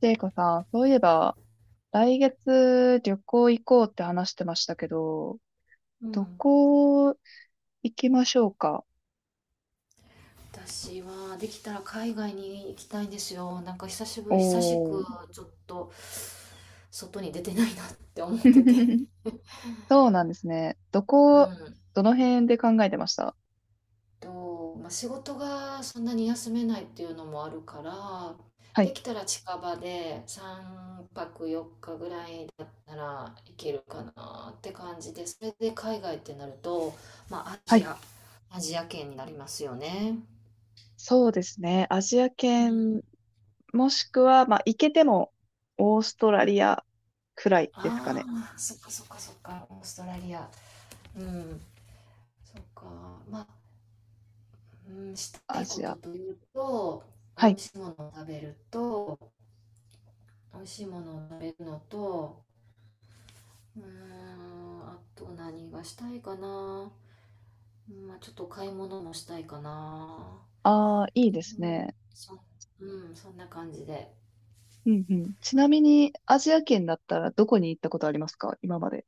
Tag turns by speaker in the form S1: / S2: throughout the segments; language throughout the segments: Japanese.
S1: ジェイコさん、そういえば、来月旅行行こうって話してましたけど、
S2: う
S1: ど
S2: ん。
S1: こ行きましょうか？
S2: 私はできたら海外に行きたいんですよ。久し
S1: お
S2: く
S1: ー。
S2: ちょっと外に出てないなって思ってて。
S1: そうなんですね。
S2: うん。
S1: どの辺で考えてました？
S2: まあ、仕事がそんなに休めないっていうのもあるから、
S1: は
S2: で
S1: い。
S2: きたら近場で3泊4日ぐらいだったら行けるかなって感じで、それで海外ってなると、まあ
S1: はい。
S2: アジア圏になりますよね。
S1: そうですね。アジア
S2: うん。
S1: 圏、もしくは、まあ、行けても、オーストラリアくらいですか
S2: あ
S1: ね。
S2: あ、そっかそっかそっか、オーストラリア。うん、そっか。まあ、うん、した
S1: ア
S2: いこ
S1: ジ
S2: と
S1: ア。
S2: というと、美
S1: はい。
S2: 味しいものを食べると、美味しいものを食べるのと、あと何がしたいかな。うんまあ、ちょっと買い物もしたいかな。
S1: ああ、いいで
S2: う
S1: す
S2: ん、
S1: ね。
S2: そ、うん、そんな感じで。
S1: うんうん。ちなみに、アジア圏だったらどこに行ったことありますか、今まで。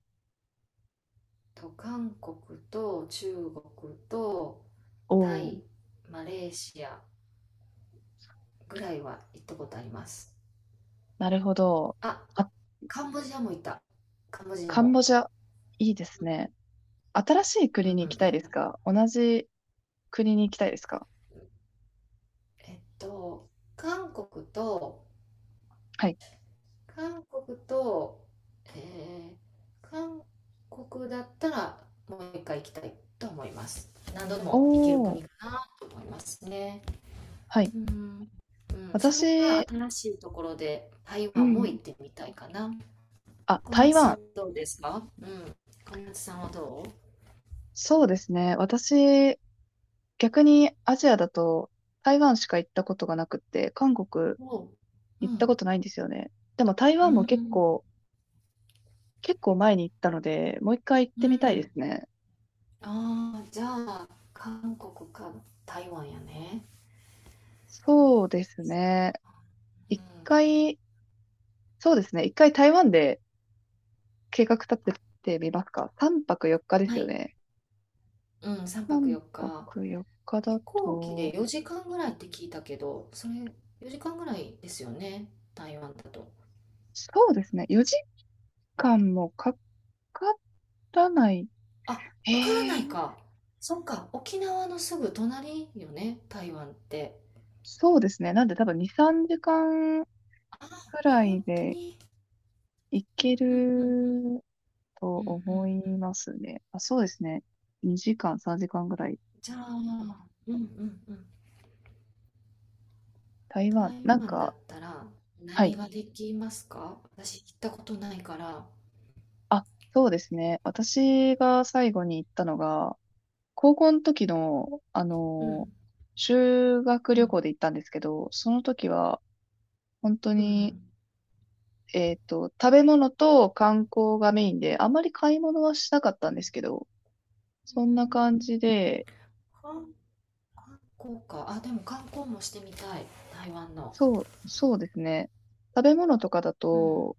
S2: 韓国と中国と
S1: お
S2: タ
S1: おー。
S2: イ、マレーシアぐらいは行ったことあります。
S1: なるほど。
S2: あ、
S1: あ、
S2: カンボジアも行った。カンボジア
S1: カン
S2: も。
S1: ボジア、いいですね。新しい
S2: う
S1: 国に行き
S2: ん、
S1: た
S2: よ
S1: いで
S2: か
S1: す
S2: った。
S1: か？同じ国に行きたいですか？
S2: えっと、韓国と、
S1: はい。
S2: 韓国と、えー、韓国だったらもう一回行きたいと思います。何度でも行ける
S1: おー、
S2: 国かなと思いますね。
S1: はい。
S2: うん、うん、それが
S1: 私、
S2: 新しいところで台
S1: う
S2: 湾も行
S1: ん。
S2: ってみたいかな。
S1: あ、
S2: 小
S1: 台
S2: 夏さん、
S1: 湾。
S2: どうですか？うん。小夏さんはど
S1: そうですね。私、逆にアジアだと台湾しか行ったことがなくって、韓国
S2: うおう。う
S1: 行った
S2: ん。
S1: ことないんですよね。でも台
S2: う
S1: 湾も結
S2: ん。
S1: 構、結構前に行ったので、もう一回行っ
S2: う
S1: てみたいで
S2: ん。
S1: すね。
S2: ああ、じゃあ、韓国か台湾やね。
S1: そうですね。
S2: うん、
S1: 一回、そうですね。一回台湾で計画立ててみますか ?3 泊4日で
S2: は
S1: すよ
S2: い。
S1: ね。
S2: うん、3泊
S1: 3
S2: 4日。
S1: 泊4日
S2: 飛
S1: だ
S2: 行機
S1: と、
S2: で4時間ぐらいって聞いたけど、それ4時間ぐらいですよね。台湾だと。
S1: そうですね。4時間もかからない。
S2: あ、
S1: へ
S2: かからない
S1: え、
S2: か。そっか。沖縄のすぐ隣よね。台湾って。
S1: そうですね。なんで多分2、3時間く
S2: あ、
S1: ら
S2: 本
S1: い
S2: 当
S1: で
S2: に。
S1: 行
S2: う
S1: け
S2: ん、うん、うん、うん。
S1: ると
S2: うん、うん、う
S1: 思
S2: ん。
S1: いますね。あ、そうですね。2時間、3時間ぐらい。
S2: じゃあ、うん、うん、うん。
S1: 台湾、
S2: 台
S1: なん
S2: 湾だっ
S1: か、
S2: たら
S1: は
S2: 何
S1: い。
S2: ができますか？私行ったことないから。
S1: あ、そうですね。私が最後に行ったのが、高校の時の、
S2: うん、
S1: 修学
S2: う
S1: 旅
S2: ん、
S1: 行で行ったんですけど、その時は、本当
S2: うん。う
S1: に、食べ物と観光がメインで、あまり買い物はしなかったんです
S2: ん、
S1: けど、
S2: う
S1: そんな感
S2: ん、
S1: じで、
S2: 韓観光か。あ、でも観光もしてみたい。台湾の。
S1: そうですね。食べ物とかだ
S2: うん。
S1: と、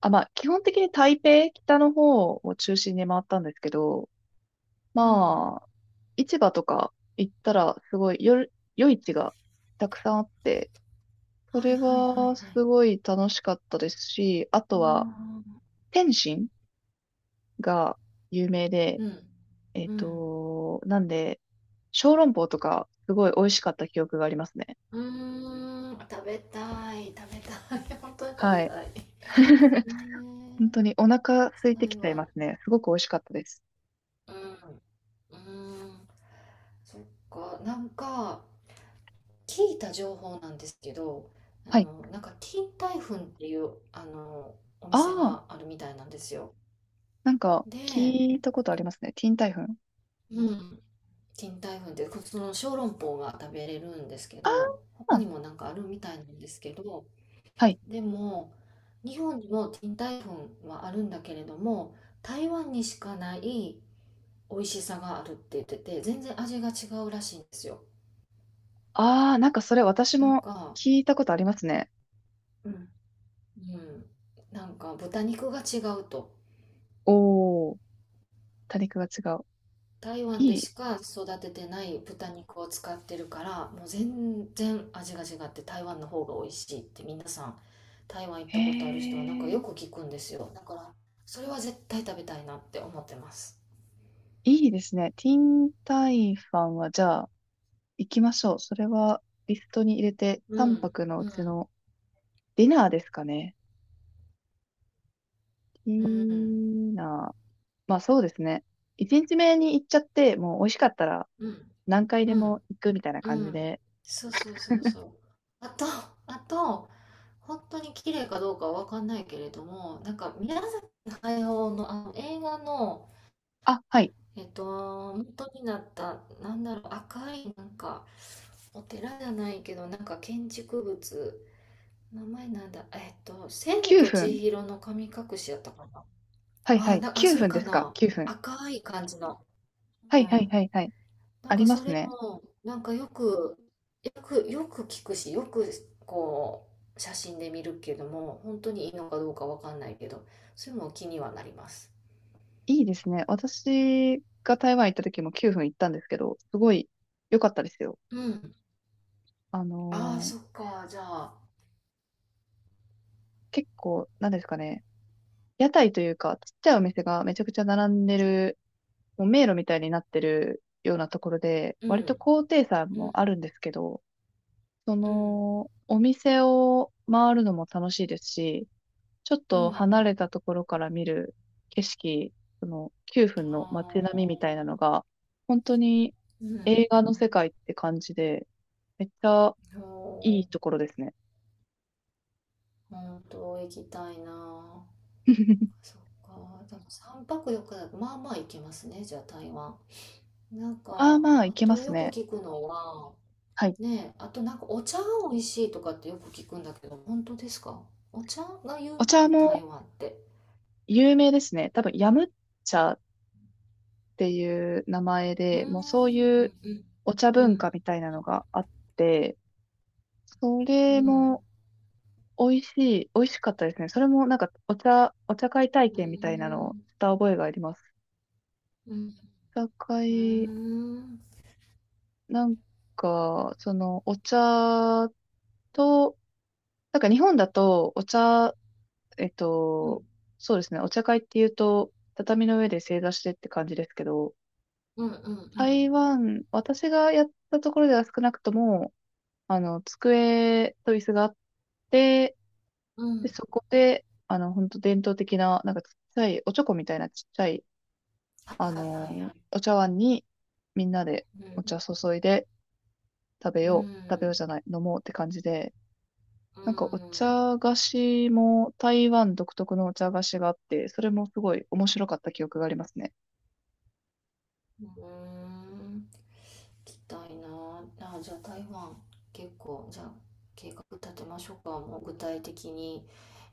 S1: あ、まあ、基本的に台北、北の方を中心に回ったんですけど、
S2: うん。
S1: まあ、市場とか行ったら、すごい、夜市がたくさんあって、そ
S2: はい
S1: れ
S2: はいはい
S1: は
S2: はい。
S1: すごい楽しかったですし、あと
S2: あ
S1: は、
S2: ー、
S1: 天津が有名で、
S2: うん。うん。
S1: なんで、小籠包とかすごい美味しかった記憶がありますね。
S2: うーん。食べたい。食べたい。本当に食べ
S1: はい。
S2: たい。ねえ。
S1: 本当にお腹空いてき
S2: 台
S1: ちゃいま
S2: 湾。
S1: すね。すごく美味しかったです。
S2: うん。うん。そっか。なんか、聞いた情報なんですけど、
S1: はい。
S2: 金台粉っていう、お
S1: あ
S2: 店
S1: あ、
S2: があるみたいなんですよ。
S1: なんか
S2: で、
S1: 聞いたことありますね。ティーンタイフン。
S2: うん。賃貸粉ってその小籠包が食べれるんですけ
S1: あ
S2: ど、他
S1: あ、
S2: にもなんかあるみたいなんですけど、
S1: はい。
S2: でも日本にも賃貸粉はあるんだけれども、台湾にしかない美味しさがあるって言ってて、全然味が違うらしいんですよ。
S1: ああ、なんかそれ私
S2: なん
S1: も
S2: か
S1: 聞いたことありますね。
S2: うん、うん、豚肉が違うと。
S1: おー、多肉が違う。
S2: 台湾で
S1: いい。
S2: しか育ててない豚肉を使ってるから、もう全然味が違って、台湾の方が美味しいって皆さん、台湾行っ
S1: へ
S2: たことある人はよ
S1: え。
S2: く聞くんですよ。だから、それは絶対食べたいなって思ってます。
S1: いいですね。ティンタイファンは、じゃあ、行きましょう。それは、リストに入れて、
S2: う
S1: 3
S2: ん、
S1: 泊のう
S2: う
S1: ち
S2: ん、
S1: のディナーですかね。デ
S2: うん、
S1: ィナー。まあ、そうですね。1日目に行っちゃって、もう美味しかったら
S2: うん、
S1: 何回で
S2: うん、
S1: も行くみたいな感
S2: う
S1: じ
S2: ん、
S1: で。
S2: そうそうそうそう、あとあと、本当に綺麗かどうかは分かんないけれども、なんか宮崎駿のあの映画の、
S1: あ、はい。
S2: 元になった、赤い、お寺じゃないけど、建築物、名前なんだ、千
S1: 9
S2: と千
S1: 分。
S2: 尋の神隠しやったかな。
S1: はいはい。
S2: あ、
S1: 9
S2: それ
S1: 分で
S2: か
S1: すか？
S2: な。
S1: 9分。
S2: 赤い感じの。
S1: は
S2: う
S1: いはい
S2: ん。
S1: はいはい。ありま
S2: そ
S1: す
S2: れ
S1: ね。
S2: も、よく聞くし、よく、こう、写真で見るけども、本当にいいのかどうかわかんないけど、それも気にはなります。
S1: いいですね。私が台湾行った時も9分行ったんですけど、すごい良かったですよ。
S2: うん。
S1: あ
S2: ああ、
S1: のー
S2: そっか。じゃあ、
S1: 結構、なんですかね。屋台というか、ちっちゃいお店がめちゃくちゃ並んでる、もう迷路みたいになってるようなところで、
S2: う
S1: 割と
S2: ん、
S1: 高低差
S2: う
S1: も
S2: ん、
S1: あるんですけど、
S2: うん。
S1: お店を回るのも楽しいですし、ちょっ
S2: う
S1: と
S2: ん。
S1: 離れたところから見る景色、その9分の街
S2: あ
S1: 並みみたいなの
S2: あ、
S1: が、本当に
S2: うん。
S1: 映画の世界って感じで、めっちゃい
S2: そ
S1: いところですね。
S2: 本当行きたいな。そっか。でも3泊4日だと、まあまあ行けますね、じゃあ台湾。なん
S1: まあ
S2: か、
S1: まあ、
S2: あ
S1: いけま
S2: と
S1: す
S2: よく
S1: ね。
S2: 聞くのは、
S1: はい。
S2: ねえ、あとお茶が美味しいとかってよく聞くんだけど、本当ですか？お茶が有
S1: お
S2: 名、
S1: 茶
S2: 台
S1: も
S2: 湾って。
S1: 有名ですね。多分、ヤム茶っていう名前
S2: うーん、
S1: で、もうそういう
S2: うん、
S1: お茶
S2: う
S1: 文化
S2: ん、
S1: みたいなのがあって、そ
S2: う
S1: れ
S2: ん、
S1: も美味し美味しかったですね。それもなんかお茶会体
S2: うん、う
S1: 験みたいなのを
S2: ん、
S1: した覚えがあります。
S2: うん、
S1: お茶
S2: う
S1: 会、
S2: ん、
S1: なんか、そのお茶と、なんか日本だとお茶、えっ
S2: う
S1: と、そうですね、お茶会っていうと、畳の上で正座してって感じですけど、
S2: ん、うん、うん、う
S1: 台
S2: ん、
S1: 湾、私がやったところでは少なくとも、机と椅子があって、
S2: う
S1: で、
S2: ん、
S1: そこで、本当伝統的な、なんかちっちゃい、おちょこみたいなちっちゃい、
S2: はいはいはいはい。
S1: お茶碗にみんなで
S2: う
S1: お
S2: ん
S1: 茶注いで食べ
S2: う
S1: よう、食べよう
S2: ん、
S1: じゃない、飲もうって感じで、
S2: うん、
S1: なんかお
S2: う
S1: 茶菓子も台湾独特のお茶菓子があって、それもすごい面白かった記憶がありますね。
S2: ん、行きたいな。あ、じゃあ台湾、結構、じゃあ計画立てましょうか、もう具体的に。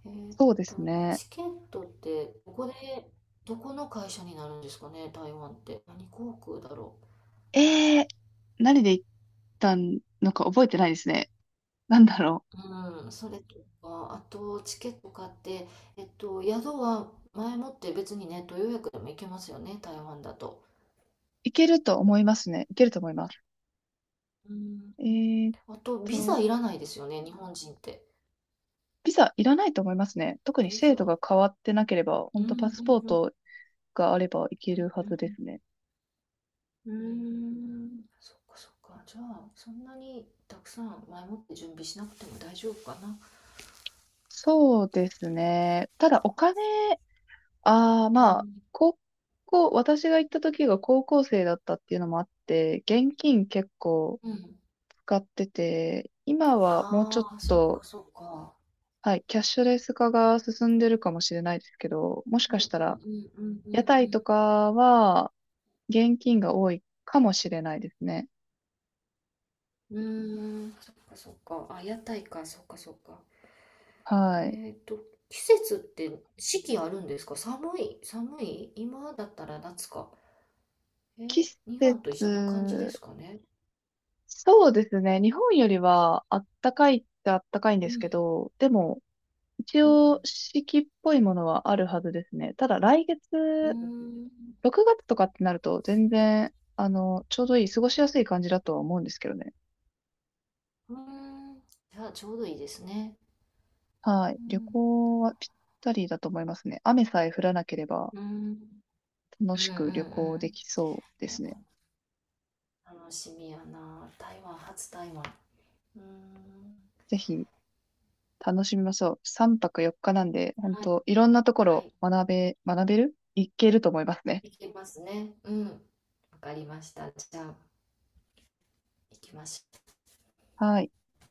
S2: えーっ
S1: そうですね。
S2: チケットって、どこの会社になるんですかね、台湾って。何航空だろ
S1: えー、何で行ったのか覚えてないですね。なんだろう。
S2: う。うん、それとか、あと、チケット買って、宿は前もって別にネット予約でも行けますよね、台湾だと。
S1: 行けると思いますね。行けると思います。
S2: うん、
S1: えーっ
S2: あと、ビザ
S1: と、
S2: いらないですよね、日本人って。
S1: ビザいらないと思いますね。特に
S2: ビ
S1: 制
S2: ザ。
S1: 度が変わってなければ、
S2: う
S1: 本
S2: ん、う
S1: 当パ
S2: ん、
S1: スポー
S2: うん、うん、
S1: トがあればいけるは
S2: うん、
S1: ずですね。
S2: うーん、そっかそっか、じゃあそんなにたくさん前もって準備しなくても大丈夫かな。
S1: そうですね。ただお金、ああ、
S2: う
S1: まあ、
S2: ん、
S1: 高校、私が行った時が高校生だったっていうのもあって、現金結構
S2: うん、
S1: 使ってて、今はもうちょ
S2: あ
S1: っ
S2: あー、そっか
S1: と、
S2: そっか。
S1: はい、キャッシュレス化が進んでるかもしれないですけど、もし
S2: う
S1: かし
S2: ん、
S1: たら、
S2: うん、うん、う
S1: 屋
S2: ん、う
S1: 台と
S2: ん、
S1: かは現金が多いかもしれないですね。
S2: うん、うーん、そっかそっか、あ屋台か、そっかそっか。
S1: はい。
S2: えっと季節って四季あるんですか？寒い寒い今だったら夏か、
S1: 季
S2: 日
S1: 節、
S2: 本と一緒な感じですかね。
S1: そうですね。日本よりはあったかいってあったかいんで
S2: う
S1: すけ
S2: ん、
S1: ど、でも一
S2: うん、
S1: 応四季っぽいものはあるはずですね。ただ来
S2: うー
S1: 月、
S2: ん、
S1: 6月とかってなると全然、ちょうどいい、過ごしやすい感じだとは思うんですけどね。
S2: うーん。じゃあ、ちょうどいいですね。
S1: はい。
S2: う
S1: 旅
S2: ん、
S1: 行はぴったりだと思いますね。雨さえ降らなければ
S2: うん。うん
S1: 楽
S2: うん
S1: し
S2: う
S1: く旅行できそうですね。
S2: ん。楽しみやな。台湾、初台湾。うーん。
S1: ぜひ楽しみましょう。3泊4日なんで、本
S2: はい。
S1: 当いろんなとこ
S2: は
S1: ろ
S2: い。
S1: 学べるいけると思いますね。
S2: 行きますね。うん。わかりました。じゃあ、行きましょう。
S1: はい。